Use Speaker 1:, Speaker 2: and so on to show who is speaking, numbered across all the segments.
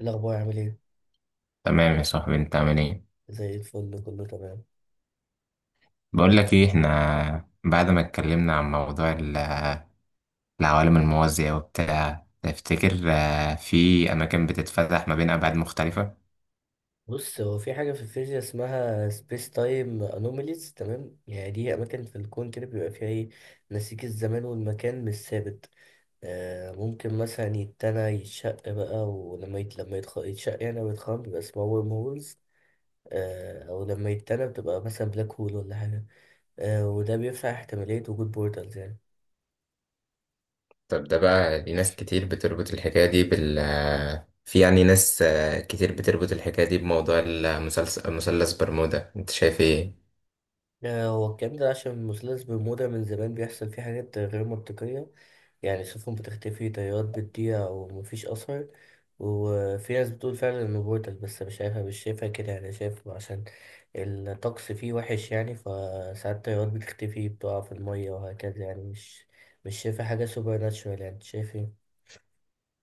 Speaker 1: الأخبار عامل إيه؟
Speaker 2: تمام يا صاحبي، انت عامل ايه؟
Speaker 1: زي الفل، كله تمام.
Speaker 2: بقول لك ايه، احنا بعد ما اتكلمنا عن موضوع العوالم الموازية وبتاع، تفتكر في اماكن بتتفتح ما بين ابعاد مختلفة؟
Speaker 1: بص، هو في حاجة في الفيزياء اسمها سبيس تايم أنوميليز، تمام؟ يعني دي أماكن في الكون كده بيبقى فيها إيه، نسيج الزمان والمكان مش ثابت. آه ممكن مثلا يتنى يتشق بقى، ولما يتشق يعني، أو يتخرم بيبقى اسمها ورم هولز. آه أو لما يتنى بتبقى مثلا بلاك هول ولا حاجة. آه وده بيفتح احتمالية وجود بورتالز يعني.
Speaker 2: طب ده بقى، دي ناس كتير بتربط الحكاية دي بال في يعني ناس كتير بتربط الحكاية دي بموضوع المثلث، مثلث برمودا، انت شايف ايه؟
Speaker 1: هو الكلام ده عشان مثلث برمودا من زمان بيحصل فيه حاجات غير منطقية. يعني سفن بتختفي، طيارات بتضيع ومفيش أثر. وفي ناس بتقول فعلا إنه بورتال، بس مش عارفة، مش شايفها كده يعني. شايف عشان الطقس فيه وحش يعني، فساعات الطيارات بتختفي، بتقع في المية وهكذا يعني. مش شايفة حاجة سوبر ناتشورال يعني. أنت شايف ايه؟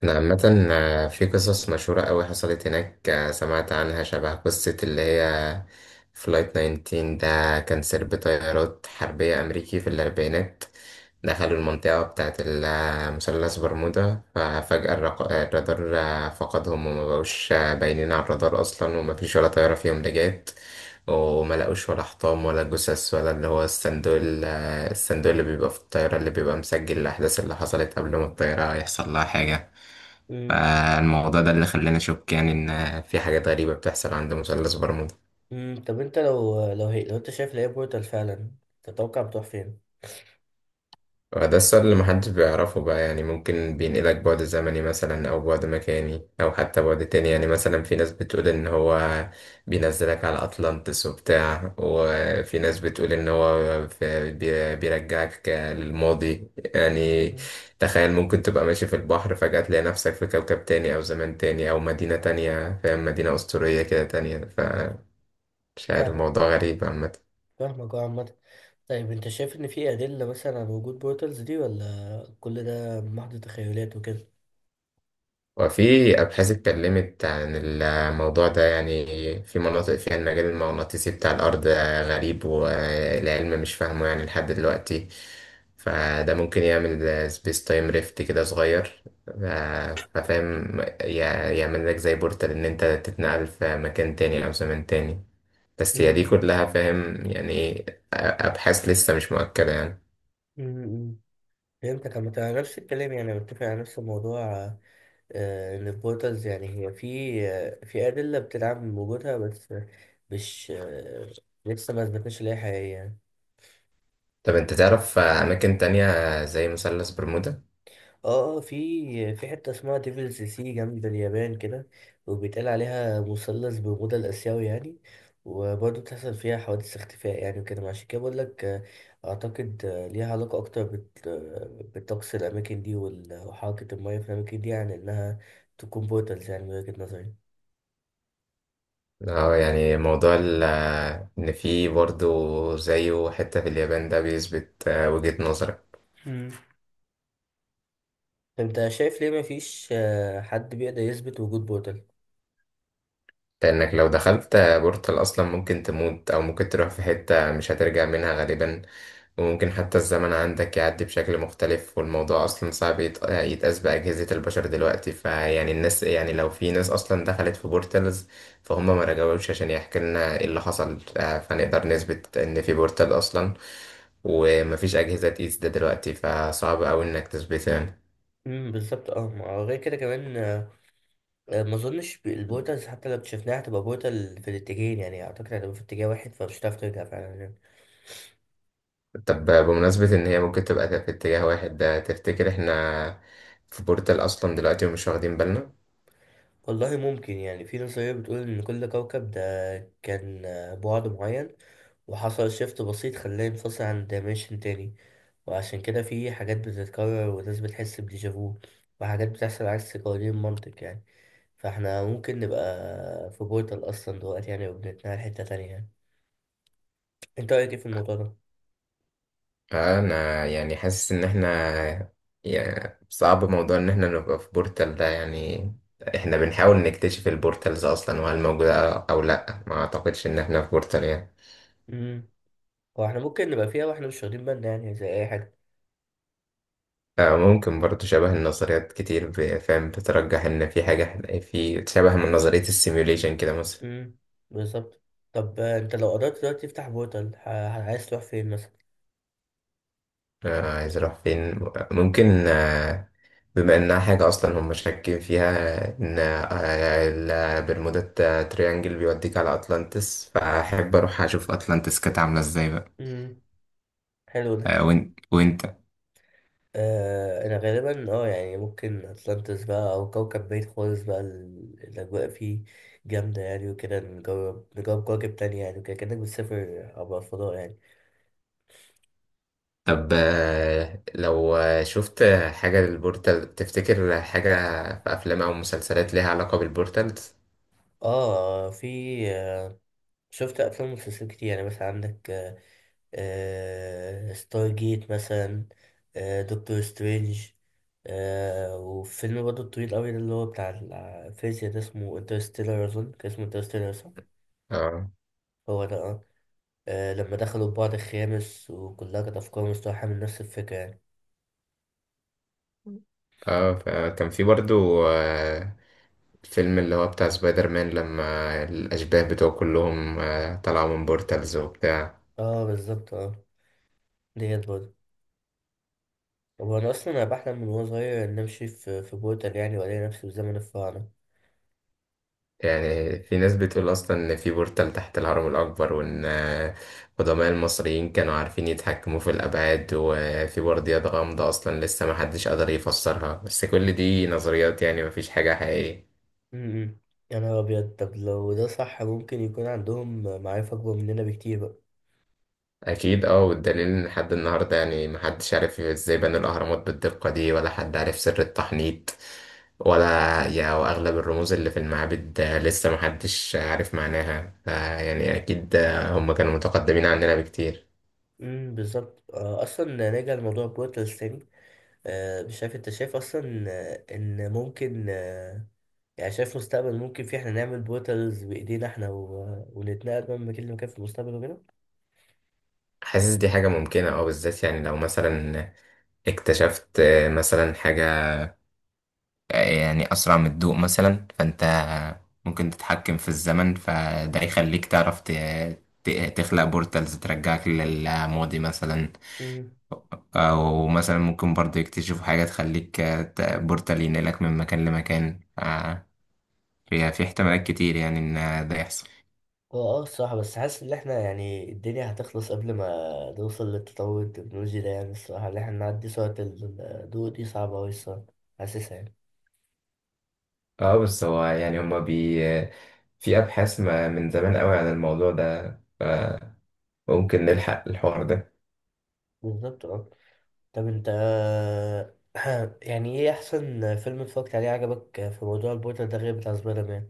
Speaker 2: أنا عامة في قصص مشهورة أوي حصلت هناك، سمعت عنها، شبه قصة اللي هي فلايت 19. ده كان سرب طيارات حربية أمريكي في الأربعينات، دخلوا المنطقة بتاعة مثلث برمودا، ففجأة الرادار فقدهم، وما بقوش باينين على الرادار أصلا، ومفيش ولا طيارة فيهم رجعت، وما لقوش ولا حطام ولا جثث ولا اللي هو الصندوق ال- آه، الصندوق اللي بيبقى في الطيارة، اللي بيبقى مسجل الأحداث اللي حصلت قبل ما الطيارة يحصل لها حاجة.
Speaker 1: مم.
Speaker 2: فالموضوع ده اللي خلاني أشك يعني، إن في حاجات غريبة بتحصل عند مثلث برمودا.
Speaker 1: مم. طب انت لو انت شايف إن هي بورتال فعلا، تتوقع بتروح فين؟
Speaker 2: وده السؤال اللي محدش بيعرفه بقى، يعني ممكن بينقلك بعد زمني مثلا، أو بعد مكاني، أو حتى بعد تاني. يعني مثلا في ناس بتقول إن هو بينزلك على أطلانتس وبتاع، وفي ناس بتقول إن هو بيرجعك للماضي يعني. تخيل، ممكن تبقى ماشي في البحر فجأة تلاقي نفسك في كوكب تاني، أو زمان تاني، أو مدينة تانية، فاهم، مدينة أسطورية كده تانية. مش عارف،
Speaker 1: فاهم
Speaker 2: موضوع غريب عامة.
Speaker 1: فاهمك اه، عامة. طيب انت شايف ان في ادلة مثلا على وجود بورتالز دي، ولا كل ده محض تخيلات وكده؟
Speaker 2: وفي أبحاث اتكلمت عن الموضوع ده، يعني في مناطق فيها المجال المغناطيسي بتاع الأرض غريب والعلم مش فاهمه يعني لحد دلوقتي. فده ممكن يعمل سبيس تايم ريفت كده صغير، ففاهم، يعمل لك زي بورتال، إن أنت تتنقل في مكان تاني أو زمن تاني. بس هي دي
Speaker 1: مم.
Speaker 2: كلها، فاهم يعني إيه، أبحاث لسه مش مؤكدة يعني.
Speaker 1: مم. مم. فهمتك. عامة انا نفس الكلام، يعني متفق على نفس الموضوع. ان البورتالز، يعني هي في آه، في ادلة بتدعم وجودها، بس مش آه، لسه ما اثبتناش ان هي حقيقية يعني.
Speaker 2: طب أنت تعرف أماكن تانية زي مثلث برمودا؟
Speaker 1: اه. في حتة اسمها ديفلز سي جنب اليابان كده، وبيتقال عليها مثلث برمودا الآسيوي يعني. وبرضه بتحصل فيها حوادث اختفاء يعني وكده. عشان كده بقول لك، أعتقد ليها علاقة أكتر بالطقس، الأماكن دي وحركة المياه في الأماكن دي، عن إنها تكون بورتالز، يعني من وجهة نظري.
Speaker 2: اه، يعني موضوع ان في برضه زيه حتة في اليابان ده بيثبت وجهة نظرك.
Speaker 1: مم. طب أنت شايف ليه مفيش حد بيقدر يثبت وجود بورتال؟
Speaker 2: لأنك لو دخلت بورتال أصلا ممكن تموت، أو ممكن تروح في حتة مش هترجع منها غالبا. وممكن حتى الزمن عندك يعدي بشكل مختلف، والموضوع أصلا صعب يتقاس بأجهزة البشر دلوقتي. فيعني الناس، يعني لو في ناس أصلا دخلت في بورتالز، فهم ما رجعوش عشان يحكي لنا إيه اللي حصل، فنقدر نثبت إن في بورتال أصلا. ومفيش أجهزة تقيس ده دلوقتي، فصعب أوي إنك تثبته يعني.
Speaker 1: بالظبط اه، ما هو غير كده كمان. ما اظنش البوتلز حتى لو اكتشفناها هتبقى بوتل في الاتجاهين يعني. اعتقد هتبقى في اتجاه واحد، فمش هتعرف ترجع فعلا يعني.
Speaker 2: طب بمناسبة إن هي ممكن تبقى في اتجاه واحد ده، تفتكر إحنا في بورتال أصلا دلوقتي ومش واخدين بالنا؟
Speaker 1: والله ممكن. يعني في نظرية بتقول ان كل كوكب ده كان بعد معين، وحصل شيفت بسيط خلاه ينفصل عن دايمنشن تاني. وعشان كده في حاجات بتتكرر وناس بتحس بديجافو، وحاجات بتحصل عكس قوانين المنطق يعني. فاحنا ممكن نبقى في بورتال اصلا دلوقتي يعني، وبنتنقل حتة تانية يعني. انت رأيك ايه في الموضوع ده؟
Speaker 2: أنا يعني حاسس إن إحنا، يعني صعب موضوع إن إحنا نبقى في بورتال ده يعني. إحنا بنحاول نكتشف البورتالز أصلا وهل موجودة أو لأ، ما أعتقدش إن إحنا في بورتال يعني.
Speaker 1: امم هو احنا ممكن نبقى فيها واحنا مش واخدين بالنا، يعني زي اي حاجة.
Speaker 2: ممكن برضه، شبه النظريات كتير فاهم بترجح إن في حاجة، في شبه من نظرية السيميوليشن كده.
Speaker 1: امم بالظبط. طب انت لو قررت دلوقتي تفتح بورتال، عايز تروح فين مثلا؟
Speaker 2: عايز اروح فين؟ ممكن بما انها حاجة اصلا هم شاكين فيها، ان البرمودا تريانجل بيوديك على اطلانتس، فاحب اروح اشوف اطلانتس كانت عاملة ازاي بقى.
Speaker 1: امم حلو ده.
Speaker 2: وانت.
Speaker 1: آه انا غالبا اه، يعني ممكن اتلانتس بقى، او كوكب بعيد خالص بقى، الاجواء فيه جامده يعني وكده. نجرب كواكب تانية، يعني وكده، كانك بتسافر عبر الفضاء يعني.
Speaker 2: طب لو شفت حاجة للبورتال، تفتكر حاجة في افلام او مسلسلات ليها علاقة بالبورتالز؟
Speaker 1: اه في آه، شفت افلام ومسلسلات كتير يعني. مثلا عندك ستار جيت مثلا، دكتور سترينج، وفيلم برضه طويل قوي ده، اللي هو بتاع الفيزياء ده، اسمه انترستيلر. اظن كان اسمه انترستيلر، صح؟
Speaker 2: اه.
Speaker 1: هو ده اه. لما دخلوا في بعض الخامس، وكلها كانت افكار مستوحاه من نفس الفكره يعني.
Speaker 2: اه، فكان في برضو الفيلم اللي هو بتاع سبايدر مان، لما الأشباه بتوعه كلهم طلعوا من بورتالز وبتاع.
Speaker 1: اه بالظبط اه، ديت برضه. هو انا اصلا انا بحلم من وانا صغير ان امشي في بورتال يعني، والاقي نفسي في زمن الفراعنه.
Speaker 2: يعني في ناس بتقول أصلا إن في بورتال تحت الهرم الأكبر، وإن قدماء المصريين كانوا عارفين يتحكموا في الأبعاد، وفي برديات غامضة أصلا لسه محدش قدر يفسرها، بس كل دي نظريات يعني، مفيش حاجة حقيقية.
Speaker 1: امم يا نهار أبيض. طب لو ده صح، ممكن يكون عندهم معارف أكبر مننا بكتير بقى.
Speaker 2: اكيد اه، والدليل ان لحد النهارده يعني محدش عارف ازاي بنوا الاهرامات بالدقه دي، ولا حد عارف سر التحنيط، ولا يا واغلب الرموز اللي في المعابد، لسه محدش عارف معناها. فيعني اكيد هم كانوا متقدمين عننا بكتير.
Speaker 1: بالظبط. أصلا نرجع لموضوع بورتلز تاني. مش عارف أنت شايف أصلا إن ممكن يعني شايف مستقبل ممكن فيه إحنا نعمل بورتلز بإيدينا، إحنا ونتنقل من مكان لمكان في المستقبل وكده.
Speaker 2: حاسس دي حاجه ممكنه اه، بالذات يعني لو مثلا اكتشفت مثلا حاجه يعني اسرع من الضوء مثلا، فانت ممكن تتحكم في الزمن، فده يخليك تعرف تخلق بورتالز ترجعك للماضي مثلا.
Speaker 1: امم
Speaker 2: أو مثلا ممكن برضه يكتشفوا حاجة تخليك، بورتال ينقلك من مكان لمكان، في احتمالات كتير يعني إن ده يحصل.
Speaker 1: هو الصراحة، بس حاسس ان احنا، يعني الدنيا هتخلص قبل ما نوصل للتطور التكنولوجي ده يعني. الصراحة اللي احنا نعدي سرعة الضوء دي صعبة اوي الصراحة، حاسسها يعني.
Speaker 2: اه بس هو يعني هما بي، في أبحاث ما من زمان قوي عن الموضوع ده، فممكن نلحق الحوار ده.
Speaker 1: بالظبط اه. طب انت يعني ايه احسن فيلم اتفرجت عليه عجبك في موضوع البوتر ده، غير بتاع سبايدر مان؟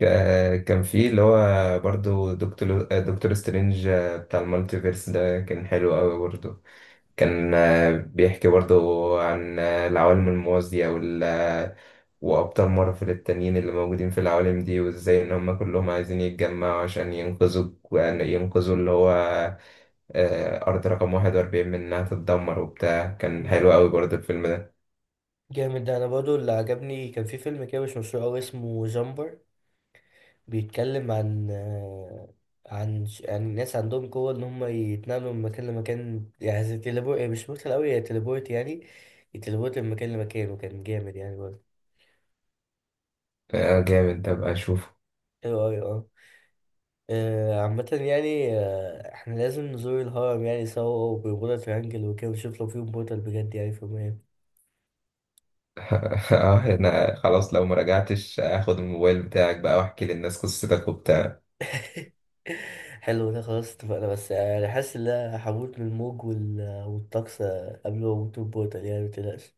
Speaker 2: كان في اللي هو برضو دكتور سترينج، بتاع المالتيفيرس ده، كان حلو قوي برضو. كان بيحكي برضو عن العوالم الموازية وأبطال مارفل التانيين اللي موجودين في العوالم دي، وإزاي إن هما كلهم عايزين يتجمعوا عشان ينقذوا، يعني ينقذوا اللي هو أرض رقم 41 من إنها تتدمر وبتاع. كان
Speaker 1: مم.
Speaker 2: حلو أوي برضه الفيلم ده.
Speaker 1: جامد ده. انا برضو اللي عجبني كان في فيلم كده مش مشهور قوي، اسمه جامبر. بيتكلم عن عن ناس عندهم قوة ان هم يتنقلوا من مكان لمكان، يعني زي تليبورت. مش مثل قوي، هي تليبورت يعني. يتليبورت من مكان لمكان، وكان جامد يعني برضه.
Speaker 2: جامد، أبقى أشوفه.
Speaker 1: ايوه ايوه. عامة يعني احنا لازم نزور الهرم يعني سوا وبرجولة ترانجل وكده، ونشوف لو في بورتال بجد يعني. في المهم.
Speaker 2: اه أنا خلاص، لو مراجعتش هاخد الموبايل بتاعك بقى واحكي للناس قصتك وبتاع.
Speaker 1: حلو ده. خلاص اتفقنا. بس انا حاسس ان انا هموت من الموج والطقس قبل ما اموت من البورتال، يعني متقلقش.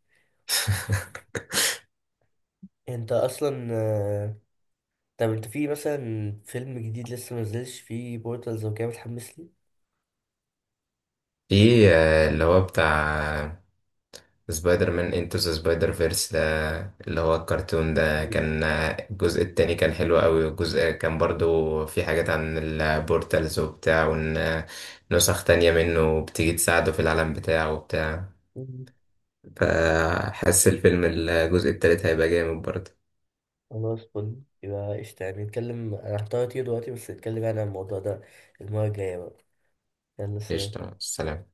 Speaker 1: انت اصلا آه، طب انت في مثلا فيلم جديد لسه منزلش فيه بورتالز وكده، متحمس لي؟
Speaker 2: في اللي هو بتاع سبايدر مان انتو ذا سبايدر فيرس ده، اللي هو الكرتون ده،
Speaker 1: مم.
Speaker 2: كان الجزء التاني كان حلو قوي. والجزء كان برضو في حاجات عن البورتالز وبتاع، وان نسخ تانية منه بتيجي تساعده في العالم بتاعه وبتاع.
Speaker 1: مم.
Speaker 2: فحس الفيلم الجزء التالت هيبقى جامد برضه.
Speaker 1: خلاص، فل يبقى قشطة. يعني نتكلم، انا هحتار كتير دلوقتي، بس نتكلم يعني عن الموضوع ده المرة الجاية بقى. يلا، سلام.
Speaker 2: قشطة، السلام.